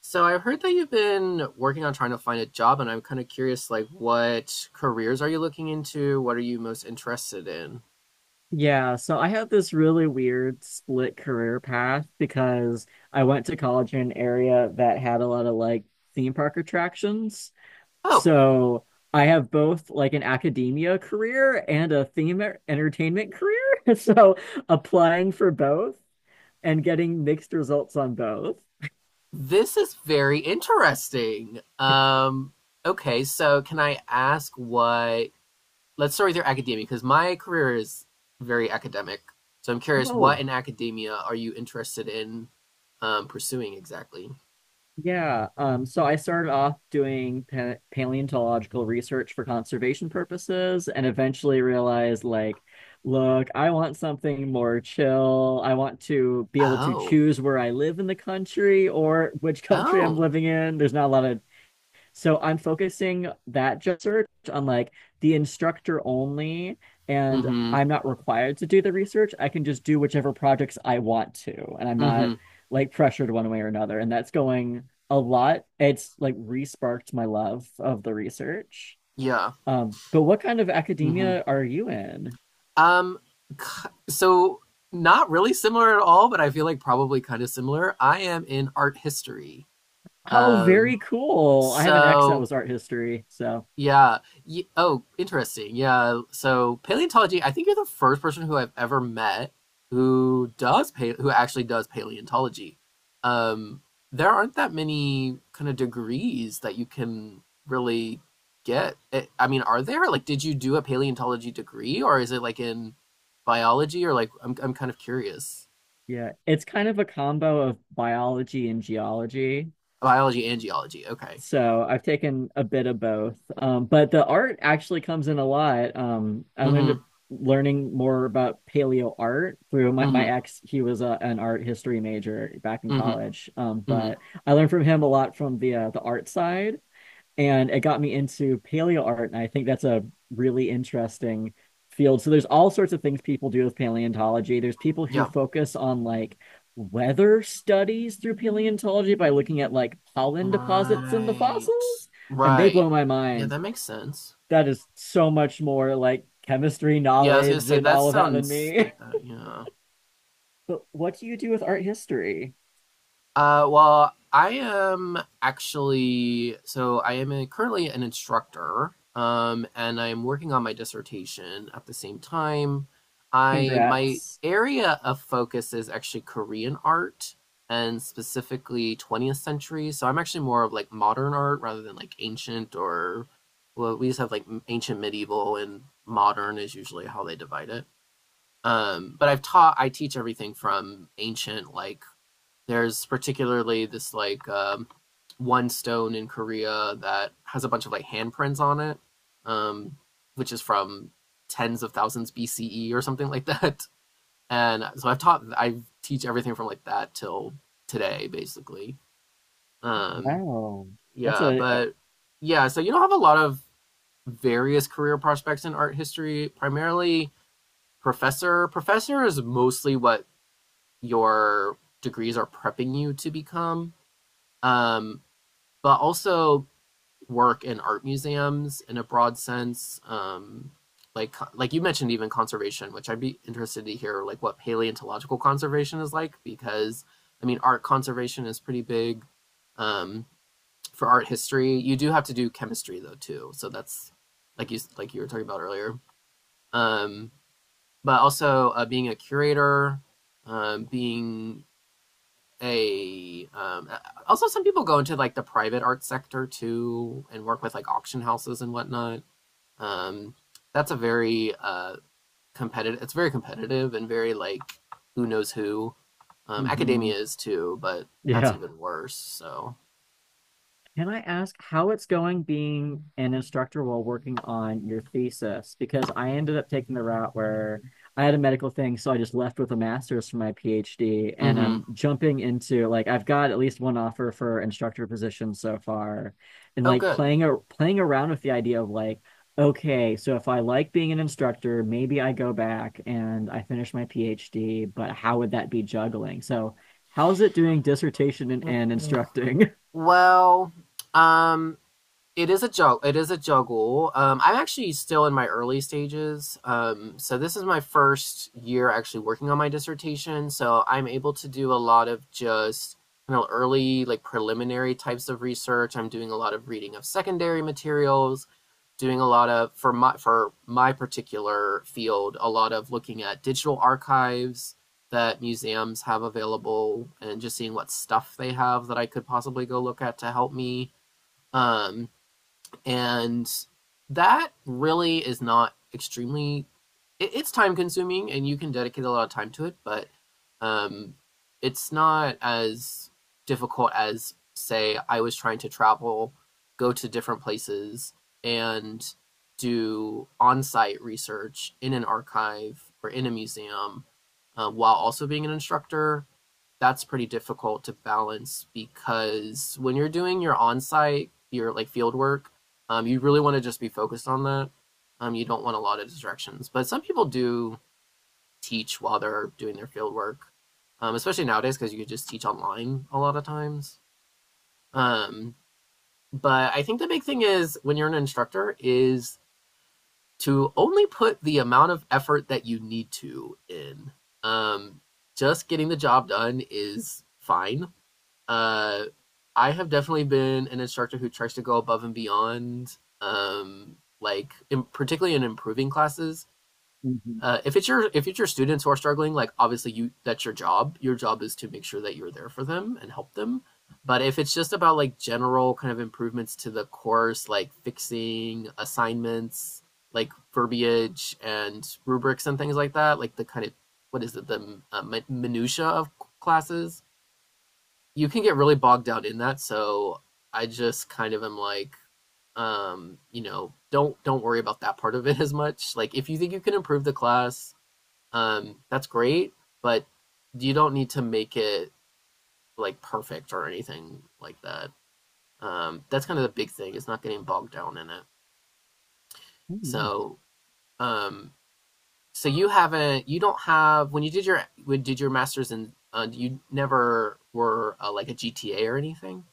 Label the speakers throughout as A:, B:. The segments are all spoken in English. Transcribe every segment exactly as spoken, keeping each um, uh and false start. A: So I've heard that you've been working on trying to find a job, and I'm kind of curious, like, what careers are you looking into? What are you most interested in?
B: Yeah, so I had this really weird split career path because I went to college in an area that had a lot of like theme park attractions.
A: Oh,
B: So I have both like an academia career and a theme er- entertainment career. So applying for both and getting mixed results on both.
A: this is very interesting. Um, okay, so can I ask what, let's start with your academia, because my career is very academic. So I'm curious,
B: Oh.
A: what in academia are you interested in um, pursuing exactly?
B: Yeah, um, so I started off doing pa paleontological research for conservation purposes and eventually realized, like, look, I want something more chill. I want to be able to
A: Oh,
B: choose where I live in the country or which country I'm
A: oh,
B: living in. There's not a lot of, so I'm focusing that job search on like the instructor only, and
A: mm-hmm,
B: I'm not required to do the research. I can just do whichever projects I want to, and I'm not
A: mm-hmm,
B: like pressured one way or another. And that's going a lot. It's like re-sparked my love of the research.
A: yeah,
B: Um, but what kind of
A: mm-hmm.
B: academia are you in?
A: Um, So not really similar at all, but I feel like probably kind of similar. I am in art history.
B: Oh,
A: Um,
B: very cool. I have an ex that
A: so
B: was art history, so
A: yeah. Y Oh, interesting. Yeah. So paleontology, I think you're the first person who I've ever met who does pa who actually does paleontology. Um, there aren't that many kind of degrees that you can really get. I I mean, are there? Like, did you do a paleontology degree or is it like in biology or like I'm I'm kind of curious.
B: yeah, it's kind of a combo of biology and geology.
A: Biology and geology. Okay.
B: So I've taken a bit of both. Um, but the art actually comes in a lot. Um, I learned
A: Mm-hmm.
B: to- learning more about paleo art through my, my
A: Mm-hmm.
B: ex. He was a, an art history major back in
A: Mm-hmm.
B: college. Um,
A: Mm-hmm.
B: but I learned from him a lot from the uh, the art side, and it got me into paleo art, and I think that's a really interesting field. So there's all sorts of things people do with paleontology. There's people who
A: Yep.
B: focus on like weather studies through paleontology by looking at like pollen deposits in the
A: Right.
B: fossils, and they
A: Right.
B: blow my
A: Yeah,
B: mind.
A: that makes sense.
B: That is so much more like chemistry
A: Yeah, I was gonna
B: knowledge
A: say
B: and
A: that
B: all of that than
A: sounds
B: me.
A: like that. Yeah.
B: But what do you do with art history?
A: Uh, well, I am actually so I am a, currently an instructor, um, and I am working on my dissertation at the same time. I My
B: Congrats.
A: area of focus is actually Korean art and specifically twentieth century. So I'm actually more of like modern art rather than like ancient or well, we just have like ancient, medieval, and modern is usually how they divide it. Um, but I've taught I teach everything from ancient like there's particularly this like um, one stone in Korea that has a bunch of like handprints on it, um, which is from tens of thousands B C E or something like that. And so I've taught, I teach everything from like that till today, basically. Um,
B: Wow. That's
A: yeah,
B: a,
A: but yeah, so you don't have a lot of various career prospects in art history, primarily professor. Professor is mostly what your degrees are prepping you to become. Um, but also work in art museums in a broad sense. Um, like like you mentioned, even conservation, which I'd be interested to hear like what paleontological conservation is like because I mean art conservation is pretty big um, for art history. You do have to do chemistry though too, so that's like you like you were talking about earlier. Um, but also uh, being a curator, um, being a um uh, also some people go into like the private art sector too and work with like auction houses and whatnot um that's a very uh competitive, it's very competitive and very like who knows who, um
B: mhm.
A: academia is too, but that's
B: Yeah.
A: even worse. So
B: Can I ask how it's going being an instructor while working on your thesis? Because I ended up taking the route where I had a medical thing, so I just left with a master's for my PhD, and
A: mm-hmm,
B: I'm jumping into, like, I've got at least one offer for instructor position so far, and
A: oh
B: like
A: good.
B: playing a playing around with the idea of like, okay, so if I like being an instructor, maybe I go back and I finish my PhD, but how would that be juggling? So how's it doing dissertation and, and instructing?
A: Well um it is a juggle. It is a juggle. Um, I'm actually still in my early stages. Um, so this is my first year actually working on my dissertation. So I'm able to do a lot of just you know early like preliminary types of research. I'm doing a lot of reading of secondary materials, doing a lot of for my for my particular field, a lot of looking at digital archives that museums have available and just seeing what stuff they have that I could possibly go look at to help me. Um, and that really is not extremely it, it's time consuming and you can dedicate a lot of time to it, but um it's not as difficult as say I was trying to travel, go to different places and do on-site research in an archive or in a museum, uh, while also being an instructor. That's pretty difficult to balance because when you're doing your on-site, your like field work, um, you really want to just be focused on that. Um, you don't want a lot of distractions. But some people do teach while they're doing their field work, um, especially nowadays because you can just teach online a lot of times. Um, but I think the big thing is when you're an instructor is to only put the amount of effort that you need to in. Um, just getting the job done is fine. uh, I have definitely been an instructor who tries to go above and beyond, um, like in, particularly in improving classes. Uh, if it's your if it's your students who are struggling, like obviously you that's your job. Your job is to make sure that you're there for them and help them. But if it's just about like general kind of improvements to the course, like fixing assignments, like verbiage and rubrics and things like that, like the kind of what is it the uh, minutia of classes, you can get really bogged out in that. So I just kind of am like, um, you know, don't don't worry about that part of it as much. Like if you think you can improve the class, um, that's great, but you don't need to make it like perfect or anything like that. Um, that's kind of the big thing is not getting bogged down in it.
B: Mhm.
A: So, um, so you haven't, you don't have when you did your when did your masters in, uh, you never were uh, like a G T A or anything,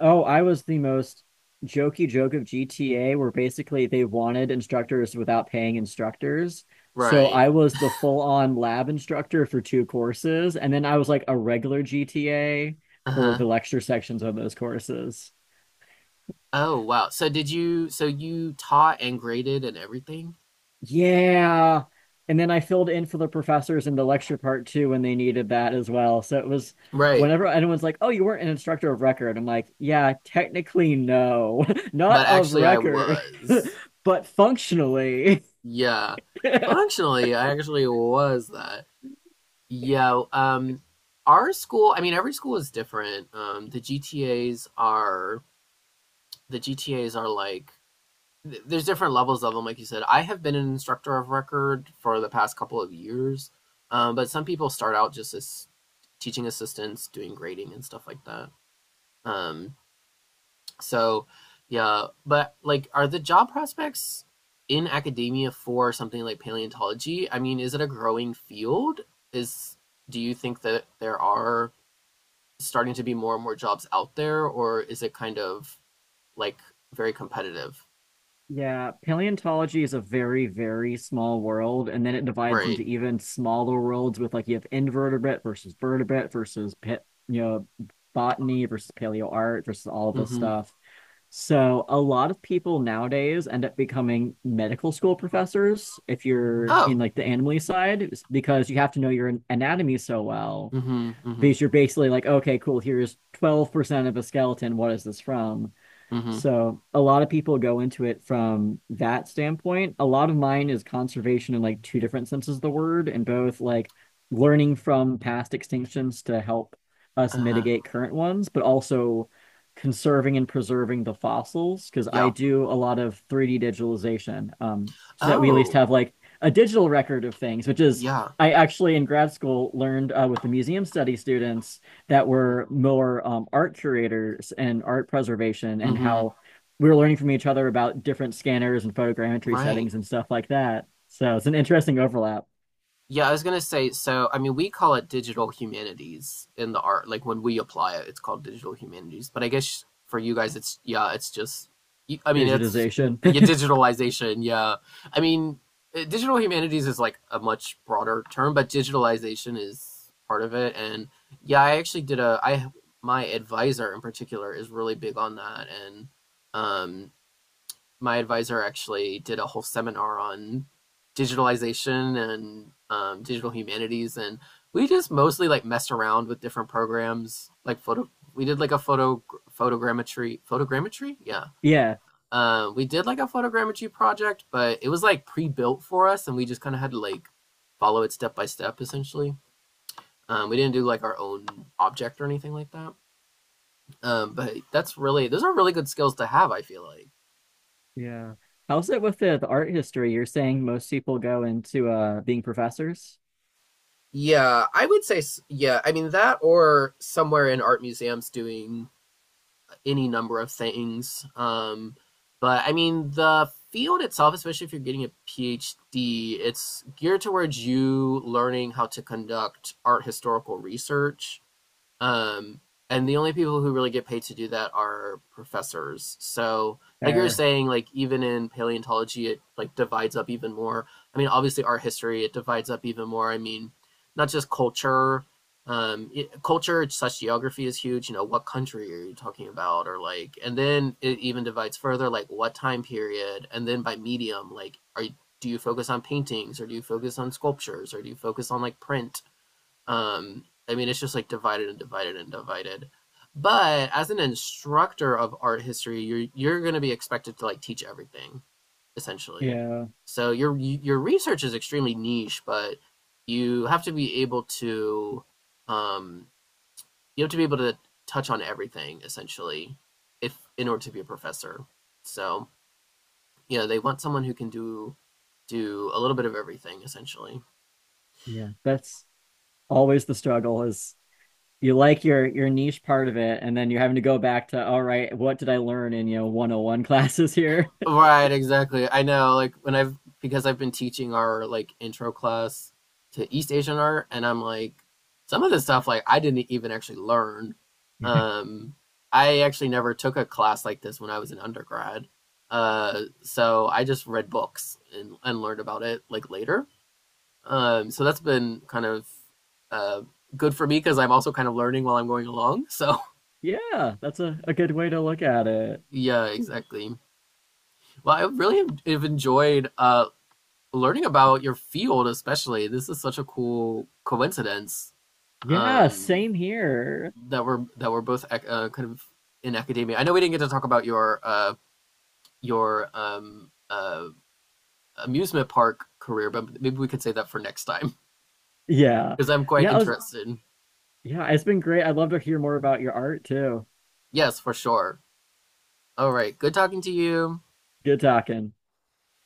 B: Oh, I was the most jokey joke of G T A, where basically they wanted instructors without paying instructors. So
A: right?
B: I was the full-on lab instructor for two courses, and then I was like a regular G T A
A: Uh
B: for
A: huh.
B: the lecture sections of those courses.
A: Oh, wow. So did you, so you taught and graded and everything?
B: Yeah. And then I filled in for the professors in the lecture part too when they needed that as well. So it was,
A: Right.
B: whenever anyone's like, "Oh, you weren't an instructor of record." I'm like, "Yeah, technically no. Not
A: But
B: of
A: actually, I
B: record,
A: was.
B: but functionally."
A: Yeah. Functionally, I actually was that. Yeah. Um, our school, I mean, every school is different. Um, the G T As are, the G T As are like, th- there's different levels of them, like you said. I have been an instructor of record for the past couple of years. Um, but some people start out just as teaching assistants, doing grading and stuff like that. Um, So, yeah, but like, are the job prospects in academia for something like paleontology? I mean, is it a growing field? Is do you think that there are starting to be more and more jobs out there, or is it kind of like very competitive?
B: Yeah, paleontology is a very, very small world, and then it divides into
A: Right.
B: even smaller worlds with, like, you have invertebrate versus vertebrate versus pit, you know, botany versus paleo art versus all this
A: Mm-hmm.
B: stuff. So a lot of people nowadays end up becoming medical school professors. If you're in
A: Oh.
B: like the animal side, it's because you have to know your an- anatomy so well,
A: Mm-hmm. Mm-hmm.
B: because you're basically like, okay, cool, here's twelve percent of a skeleton. What is this from?
A: Mm-hmm.
B: So a lot of people go into it from that standpoint. A lot of mine is conservation in like two different senses of the word, and both like learning from past extinctions to help us
A: Uh-huh.
B: mitigate current ones, but also conserving and preserving the fossils, because I
A: Yeah.
B: do a lot of three D digitalization, um, so that we at least
A: Oh.
B: have like a digital record of things, which is,
A: Yeah.
B: I actually in grad school learned uh, with the museum study students that were
A: Mm-hmm.
B: more um, art curators and art preservation, and
A: Mm-hmm.
B: how we were learning from each other about different scanners and photogrammetry
A: Right.
B: settings and stuff like that. So it's an interesting overlap.
A: Yeah, I was gonna say, so I mean, we call it digital humanities in the art. Like when we apply it, it's called digital humanities. But I guess for you guys, it's yeah, it's just. you- I mean, it's
B: Digitization.
A: yeah, digitalization. Yeah, I mean, uh, digital humanities is like a much broader term, but digitalization is part of it. And yeah, I actually did a. I My advisor in particular is really big on that, and um my advisor actually did a whole seminar on digitalization and um, digital humanities, and we just mostly like messed around with different programs, like photo. We did like a photo photogrammetry photogrammetry, yeah.
B: Yeah.
A: Um, we did like a photogrammetry project, but it was like pre-built for us, and we just kind of had to like follow it step by step, essentially. Um, we didn't do like our own object or anything like that. Um, but that's really those are really good skills to have. I feel like
B: Yeah. How's it with the, the art history? You're saying most people go into uh, being professors?
A: yeah, I would say, s- yeah, I mean that or somewhere in art museums doing any number of things. Um, but I mean, the field itself, especially if you're getting a PhD, it's geared towards you learning how to conduct art historical research. Um, and the only people who really get paid to do that are professors. So, like you were
B: Fair.
A: saying, like even in paleontology, it like divides up even more. I mean, obviously art history, it divides up even more. I mean, not just culture. Um, it, culture such geography is huge. You know, what country are you talking about, or like, and then it even divides further, like what time period, and then by medium, like, are you, do you focus on paintings, or do you focus on sculptures, or do you focus on like print? Um, I mean, it's just like divided and divided and divided. But as an instructor of art history, you're you're going to be expected to like teach everything essentially.
B: Yeah.
A: So your your research is extremely niche, but you have to be able to um, you have to be able to touch on everything essentially, if in order to be a professor. So you know they want someone who can do do a little bit of everything essentially.
B: Yeah. That's always the struggle is you like your your niche part of it, and then you're having to go back to, all right, what did I learn in, you know, one oh one classes here?
A: Right, exactly. I know, like when I've because I've been teaching our like intro class to East Asian art and I'm like some of the stuff like I didn't even actually learn. Um I actually never took a class like this when I was an undergrad. Uh so I just read books and and learned about it like later. Um so that's been kind of uh good for me because I'm also kind of learning while I'm going along. So
B: Yeah, that's a, a good way to look at it.
A: yeah, exactly. Well, I really have have enjoyed uh learning about your field, especially this is such a cool coincidence
B: Yeah,
A: um
B: same here.
A: that we're that we're both uh, kind of in academia. I know we didn't get to talk about your uh your um uh amusement park career, but maybe we could say that for next time
B: Yeah.
A: because I'm quite
B: Yeah, I was,
A: interested.
B: yeah, it's been great. I'd love to hear more about your art too.
A: Yes, for sure. All right, good talking to you.
B: Good talking.